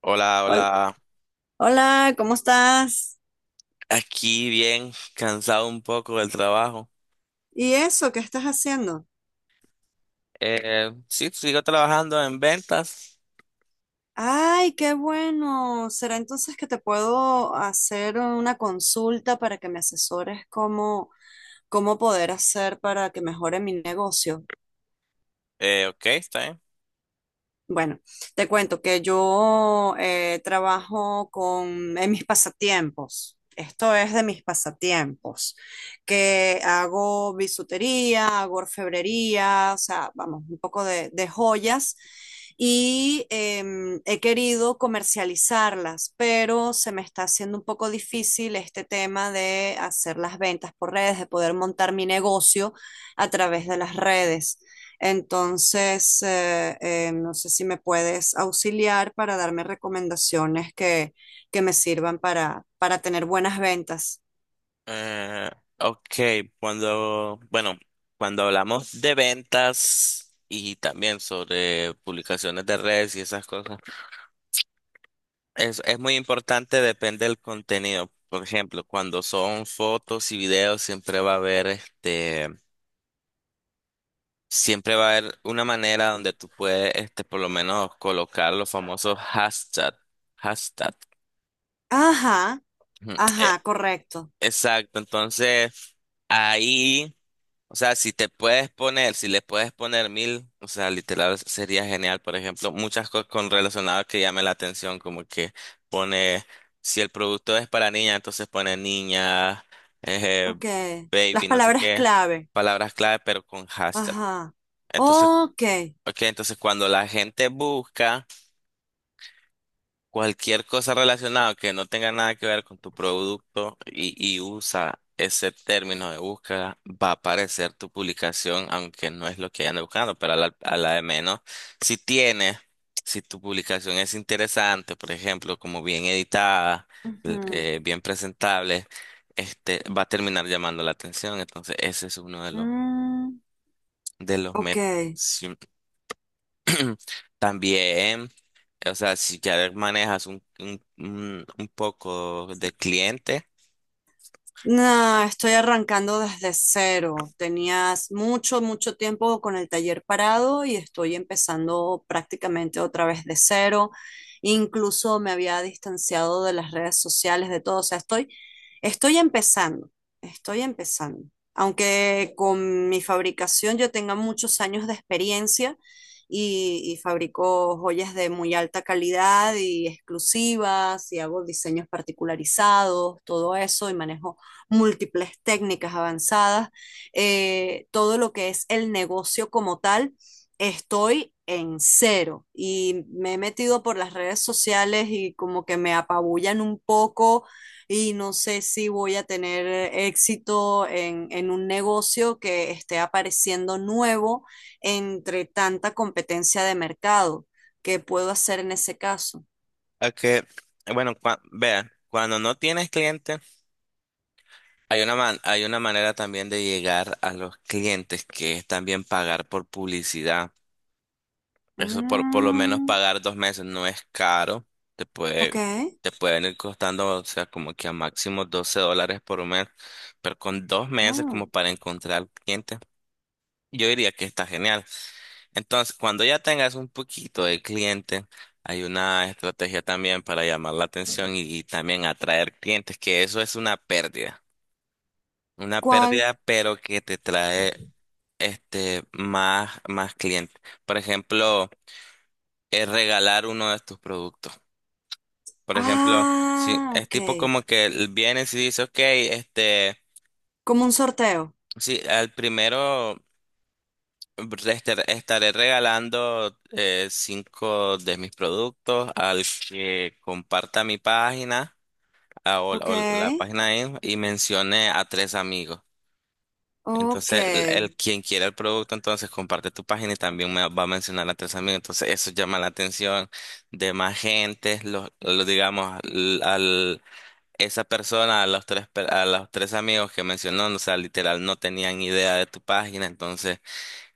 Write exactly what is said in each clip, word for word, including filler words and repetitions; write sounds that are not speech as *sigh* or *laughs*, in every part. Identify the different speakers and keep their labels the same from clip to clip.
Speaker 1: Hola,
Speaker 2: Hol-
Speaker 1: hola.
Speaker 2: Hola, ¿cómo estás?
Speaker 1: Aquí bien, cansado un poco del trabajo.
Speaker 2: ¿Y eso? ¿Qué estás haciendo?
Speaker 1: Eh, sí, sigo trabajando en ventas.
Speaker 2: Ay, qué bueno. ¿Será entonces que te puedo hacer una consulta para que me asesores cómo, cómo poder hacer para que mejore mi negocio?
Speaker 1: Eh, ok, está bien.
Speaker 2: Bueno, te cuento que yo eh, trabajo con en mis pasatiempos. Esto es de mis pasatiempos, que hago bisutería, hago orfebrería, o sea, vamos, un poco de, de joyas y em, he querido comercializarlas, pero se me está haciendo un poco difícil este tema de hacer las ventas por redes, de poder montar mi negocio a través de las redes. Entonces, eh, eh, no sé si me puedes auxiliar para darme recomendaciones que, que me sirvan para, para tener buenas ventas.
Speaker 1: Eh, ok, cuando, bueno, cuando hablamos de ventas y también sobre publicaciones de redes y esas cosas, es, es muy importante, depende del contenido. Por ejemplo, cuando son fotos y videos, siempre va a haber este. Siempre va a haber una manera donde tú puedes, este, por lo menos colocar los famosos hashtag, hashtag.
Speaker 2: Ajá,
Speaker 1: Ujú, eh,
Speaker 2: ajá, correcto.
Speaker 1: exacto, entonces ahí, o sea, si te puedes poner, si le puedes poner mil, o sea, literal sería genial. Por ejemplo, muchas cosas con relacionadas que llamen la atención, como que pone, si el producto es para niña, entonces pone niña, eh,
Speaker 2: Ok. Las
Speaker 1: baby, no sé
Speaker 2: palabras
Speaker 1: qué,
Speaker 2: clave.
Speaker 1: palabras clave, pero con hashtag.
Speaker 2: Ajá.
Speaker 1: Entonces
Speaker 2: Ok.
Speaker 1: ok, entonces cuando la gente busca cualquier cosa relacionada que no tenga nada que ver con tu producto y, y usa ese término de búsqueda, va a aparecer tu publicación, aunque no es lo que anda buscando, pero a la, a la de menos. Si tienes, si tu publicación es interesante, por ejemplo, como bien editada,
Speaker 2: Ujú.
Speaker 1: eh, bien presentable, este, va a terminar llamando la atención. Entonces, ese es uno de los,
Speaker 2: Mm,
Speaker 1: de los
Speaker 2: ok.
Speaker 1: métodos. *clears throat* También, o sea, si ya manejas un, un, un- un poco de cliente,
Speaker 2: No, estoy arrancando desde cero. Tenías mucho, mucho tiempo con el taller parado y estoy empezando prácticamente otra vez de cero. Incluso me había distanciado de las redes sociales, de todo. O sea, estoy, estoy empezando, estoy empezando. Aunque con mi fabricación yo tenga muchos años de experiencia y, y fabrico joyas de muy alta calidad y exclusivas y hago diseños particularizados, todo eso y manejo múltiples técnicas avanzadas, eh, todo lo que es el negocio como tal, estoy en cero y me he metido por las redes sociales y como que me apabullan un poco y no sé si voy a tener éxito en, en un negocio que esté apareciendo nuevo entre tanta competencia de mercado. ¿Qué puedo hacer en ese caso?
Speaker 1: a que, bueno, cua- vea, cuando no tienes cliente, hay una, man- hay una manera también de llegar a los clientes, que es también pagar por publicidad. Eso por, por lo menos
Speaker 2: Mm,
Speaker 1: pagar dos meses no es caro, te puede,
Speaker 2: ok.
Speaker 1: te pueden ir costando, o sea, como que a máximo doce dólares por mes, pero con dos meses como
Speaker 2: Mm.
Speaker 1: para encontrar clientes. Yo diría que está genial. Entonces, cuando ya tengas un poquito de cliente, hay una estrategia también para llamar la atención y, y también atraer clientes, que eso es una pérdida. Una
Speaker 2: ¿Cuál?
Speaker 1: pérdida, pero que te trae este más, más clientes. Por ejemplo, es regalar uno de tus productos. Por ejemplo, sí,
Speaker 2: Ah,
Speaker 1: es
Speaker 2: ok.
Speaker 1: tipo como que l- vienes y dices, ok, este,
Speaker 2: Como un sorteo.
Speaker 1: sí, al primero. Te estar- Estaré regalando eh, cinco de mis productos al que comparta mi página ah, o,
Speaker 2: Ok,
Speaker 1: o la página en- y mencione a tres amigos.
Speaker 2: ok.
Speaker 1: Entonces, el, el- quien quiera el producto, entonces comparte tu página y también me va a mencionar a tres amigos. Entonces, eso llama la atención de más gente, los, los, digamos, al, al- esa persona, a los tres, per- a los tres amigos que mencionó, o sea, literal, no tenían idea de tu página, entonces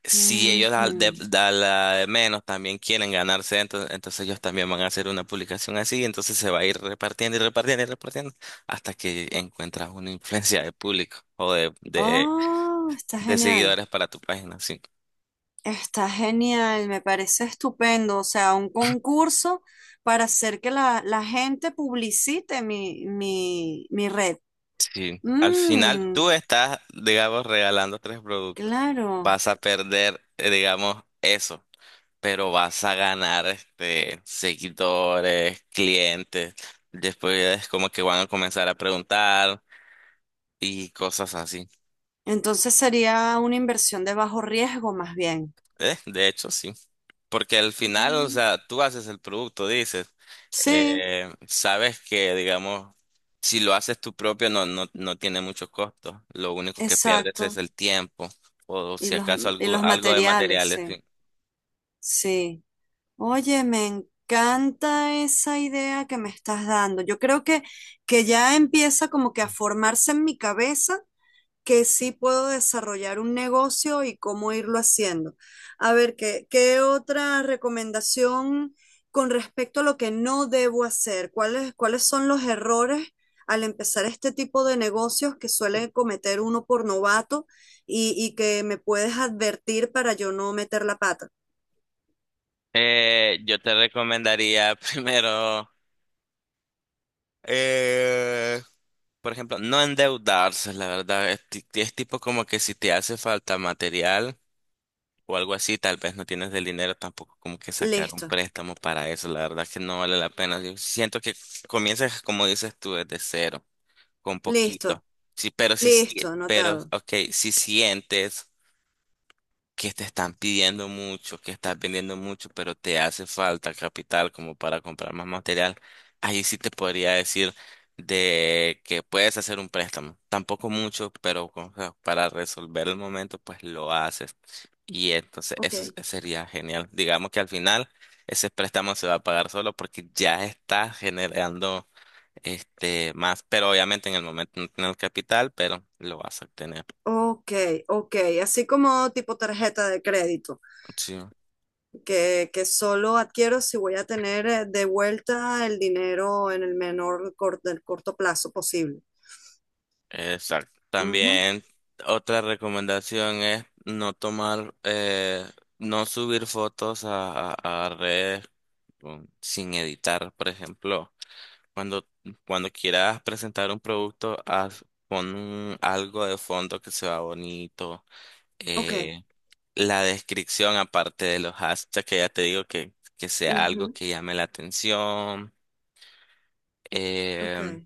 Speaker 1: si ellos al de,
Speaker 2: Ujú.
Speaker 1: da la de menos también quieren ganarse, entonces, entonces ellos también van a hacer una publicación así, entonces se va a ir repartiendo y repartiendo y repartiendo hasta que encuentras una influencia de público o de, de,
Speaker 2: Oh, está
Speaker 1: de
Speaker 2: genial.
Speaker 1: seguidores para tu página. Sí,
Speaker 2: Está genial, me parece estupendo. O sea, un concurso para hacer que la, la gente publicite mi, mi, mi red.
Speaker 1: sí. Al final
Speaker 2: Mm,
Speaker 1: tú estás, digamos, regalando tres productos.
Speaker 2: claro.
Speaker 1: Vas a perder, eh, digamos, eso, pero vas a ganar este, seguidores, clientes. Después es como que van a comenzar a preguntar y cosas así.
Speaker 2: Entonces sería una inversión de bajo riesgo más bien.
Speaker 1: Eh, de hecho, sí. Porque al final, o
Speaker 2: Mm,
Speaker 1: sea, tú haces el producto, dices,
Speaker 2: sí,
Speaker 1: eh, sabes que, digamos, si lo haces tú propio, no, no, no tiene mucho costo. Lo único que pierdes es
Speaker 2: exacto.
Speaker 1: el tiempo o
Speaker 2: Y
Speaker 1: si
Speaker 2: los,
Speaker 1: acaso
Speaker 2: y
Speaker 1: algo,
Speaker 2: los
Speaker 1: algo de
Speaker 2: materiales,
Speaker 1: materiales,
Speaker 2: sí.
Speaker 1: sí.
Speaker 2: Sí. Oye, me encanta esa idea que me estás dando. Yo creo que, que ya empieza como que a formarse en mi cabeza que sí puedo desarrollar un negocio y cómo irlo haciendo. A ver, ¿qué, ¿qué otra recomendación con respecto a lo que no debo hacer? ¿Cuáles, ¿cuáles son los errores al empezar este tipo de negocios que suele cometer uno por novato y, y que me puedes advertir para yo no meter la pata?
Speaker 1: Eh, yo te recomendaría *laughs* primero, eh, por ejemplo, no endeudarse, la verdad. Es, ti- es tipo como que si te hace falta material o algo así, tal vez no tienes el dinero tampoco como que sacar un
Speaker 2: Listo,
Speaker 1: préstamo para eso, la verdad que no vale la pena. Yo siento que comienzas, como dices tú, desde cero, con
Speaker 2: listo.
Speaker 1: poquito. Sí, pero si,
Speaker 2: Listo,
Speaker 1: sí- pero,
Speaker 2: anotado.
Speaker 1: ok, si sientes que te están pidiendo mucho, que estás vendiendo mucho, pero te hace falta capital como para comprar más material, ahí sí te podría decir de que puedes hacer un préstamo. Tampoco mucho, pero o sea, para resolver el momento, pues lo haces. Y entonces
Speaker 2: Ok,
Speaker 1: eso s- eh, sería genial. Digamos que al final ese préstamo se va a pagar solo porque ya está generando este más, pero obviamente en el momento no tiene el capital, pero lo vas a obtener.
Speaker 2: ok, ok. Así como tipo tarjeta de crédito,
Speaker 1: Sí,
Speaker 2: que, que solo adquiero si voy a tener eh, de vuelta el dinero en el menor cor- del corto plazo posible.
Speaker 1: exacto.
Speaker 2: Ujú,
Speaker 1: También otra recomendación es no tomar, eh, no subir fotos a, a- a redes con- sin editar, por ejemplo. Cuando, Cuando quieras presentar un producto, haz, pon un- algo de fondo que se vea bonito.
Speaker 2: ok,
Speaker 1: eh, la descripción, aparte de los hashtags, que ya te digo que, que sea algo
Speaker 2: ujú,
Speaker 1: que llame la atención.
Speaker 2: ok,
Speaker 1: em,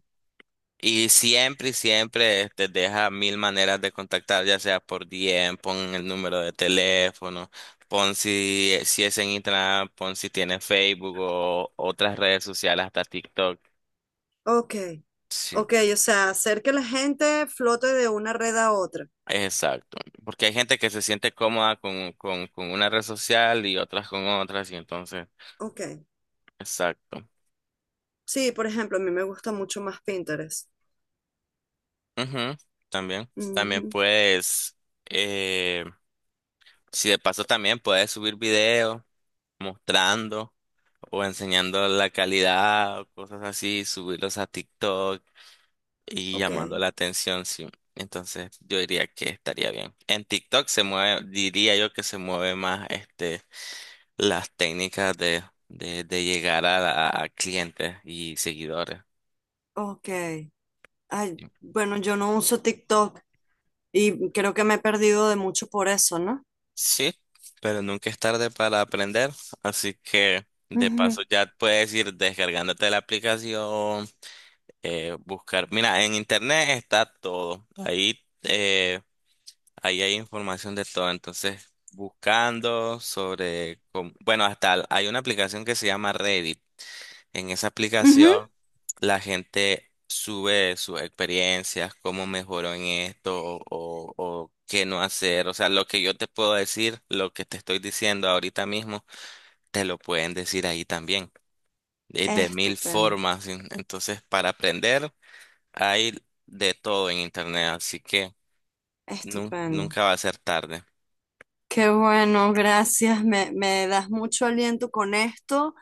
Speaker 1: y siempre, y siempre te deja mil maneras de contactar, ya sea por D M, pon el número de teléfono, pon si, eh, si es en Instagram, pon si tiene Facebook o otras redes sociales, hasta TikTok.
Speaker 2: ok,
Speaker 1: Sí,
Speaker 2: ok. O sea, hacer que la gente flote de una red a otra.
Speaker 1: exacto, porque hay gente que se siente cómoda con, con, con una red social y otras con otras, y entonces,
Speaker 2: Ok.
Speaker 1: exacto.
Speaker 2: Sí, por ejemplo, a mí me gusta mucho más Pinterest.
Speaker 1: Ujú, también, también
Speaker 2: Ujú,
Speaker 1: puedes, eh, si de paso también puedes subir videos mostrando o enseñando la calidad o cosas así, subirlos a TikTok y
Speaker 2: ok,
Speaker 1: llamando la atención, sí. Entonces, yo diría que estaría bien. En TikTok se mueve, diría yo que se mueve más este las técnicas de, de, de llegar a, la- a clientes y seguidores.
Speaker 2: ok. Ay, bueno, yo no uso TikTok. Y creo que me he perdido de mucho por eso, no.
Speaker 1: Sí, pero nunca es tarde para aprender, así que de paso
Speaker 2: Ujú,
Speaker 1: ya puedes ir descargándote la aplicación, eh, buscar. Mira, en internet está todo, ahí, eh, ahí hay información de todo, entonces buscando sobre cómo- bueno, hasta hay una aplicación que se llama Reddit. En esa
Speaker 2: ujú.
Speaker 1: aplicación la gente sube sus experiencias, cómo mejoró en esto o, o- o qué no hacer. O sea, lo que yo te puedo decir, lo que te estoy diciendo ahorita mismo, te lo pueden decir ahí también, de, de mil
Speaker 2: Estupendo,
Speaker 1: formas. en- Entonces, para aprender hay de todo en internet, así que nun-
Speaker 2: estupendo.
Speaker 1: nunca va a ser tarde.
Speaker 2: Qué bueno, gracias. Me, me das mucho aliento con esto.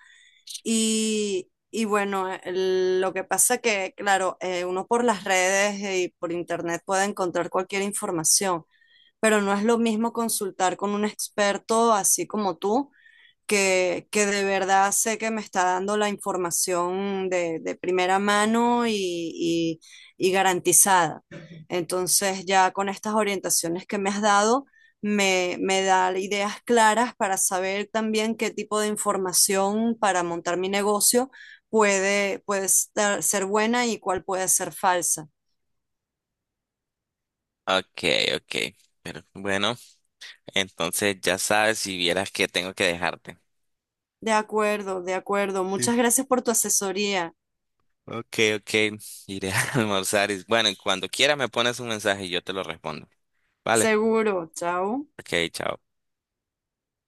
Speaker 2: Y, y bueno, el- lo que pasa que, claro, eh, uno por las redes y por internet puede encontrar cualquier información, pero no es lo mismo consultar con un experto así como tú que, que de verdad sé que me está dando la información de, de primera mano y, y- y garantizada. Entonces, ya con estas orientaciones que me has dado, me, me da ideas claras para saber también qué tipo de información para montar mi negocio puede, puede estar- ser buena y cuál puede ser falsa.
Speaker 1: Ok, ok. Pero bueno, entonces ya sabes, si vieras que tengo que dejarte.
Speaker 2: De acuerdo, de acuerdo. Muchas gracias por tu asesoría.
Speaker 1: Ok, ok, iré a *laughs* almorzar. Y, bueno, y cuando quiera me pones un mensaje y yo te lo respondo. Vale,
Speaker 2: Seguro. Chao.
Speaker 1: ok, chao.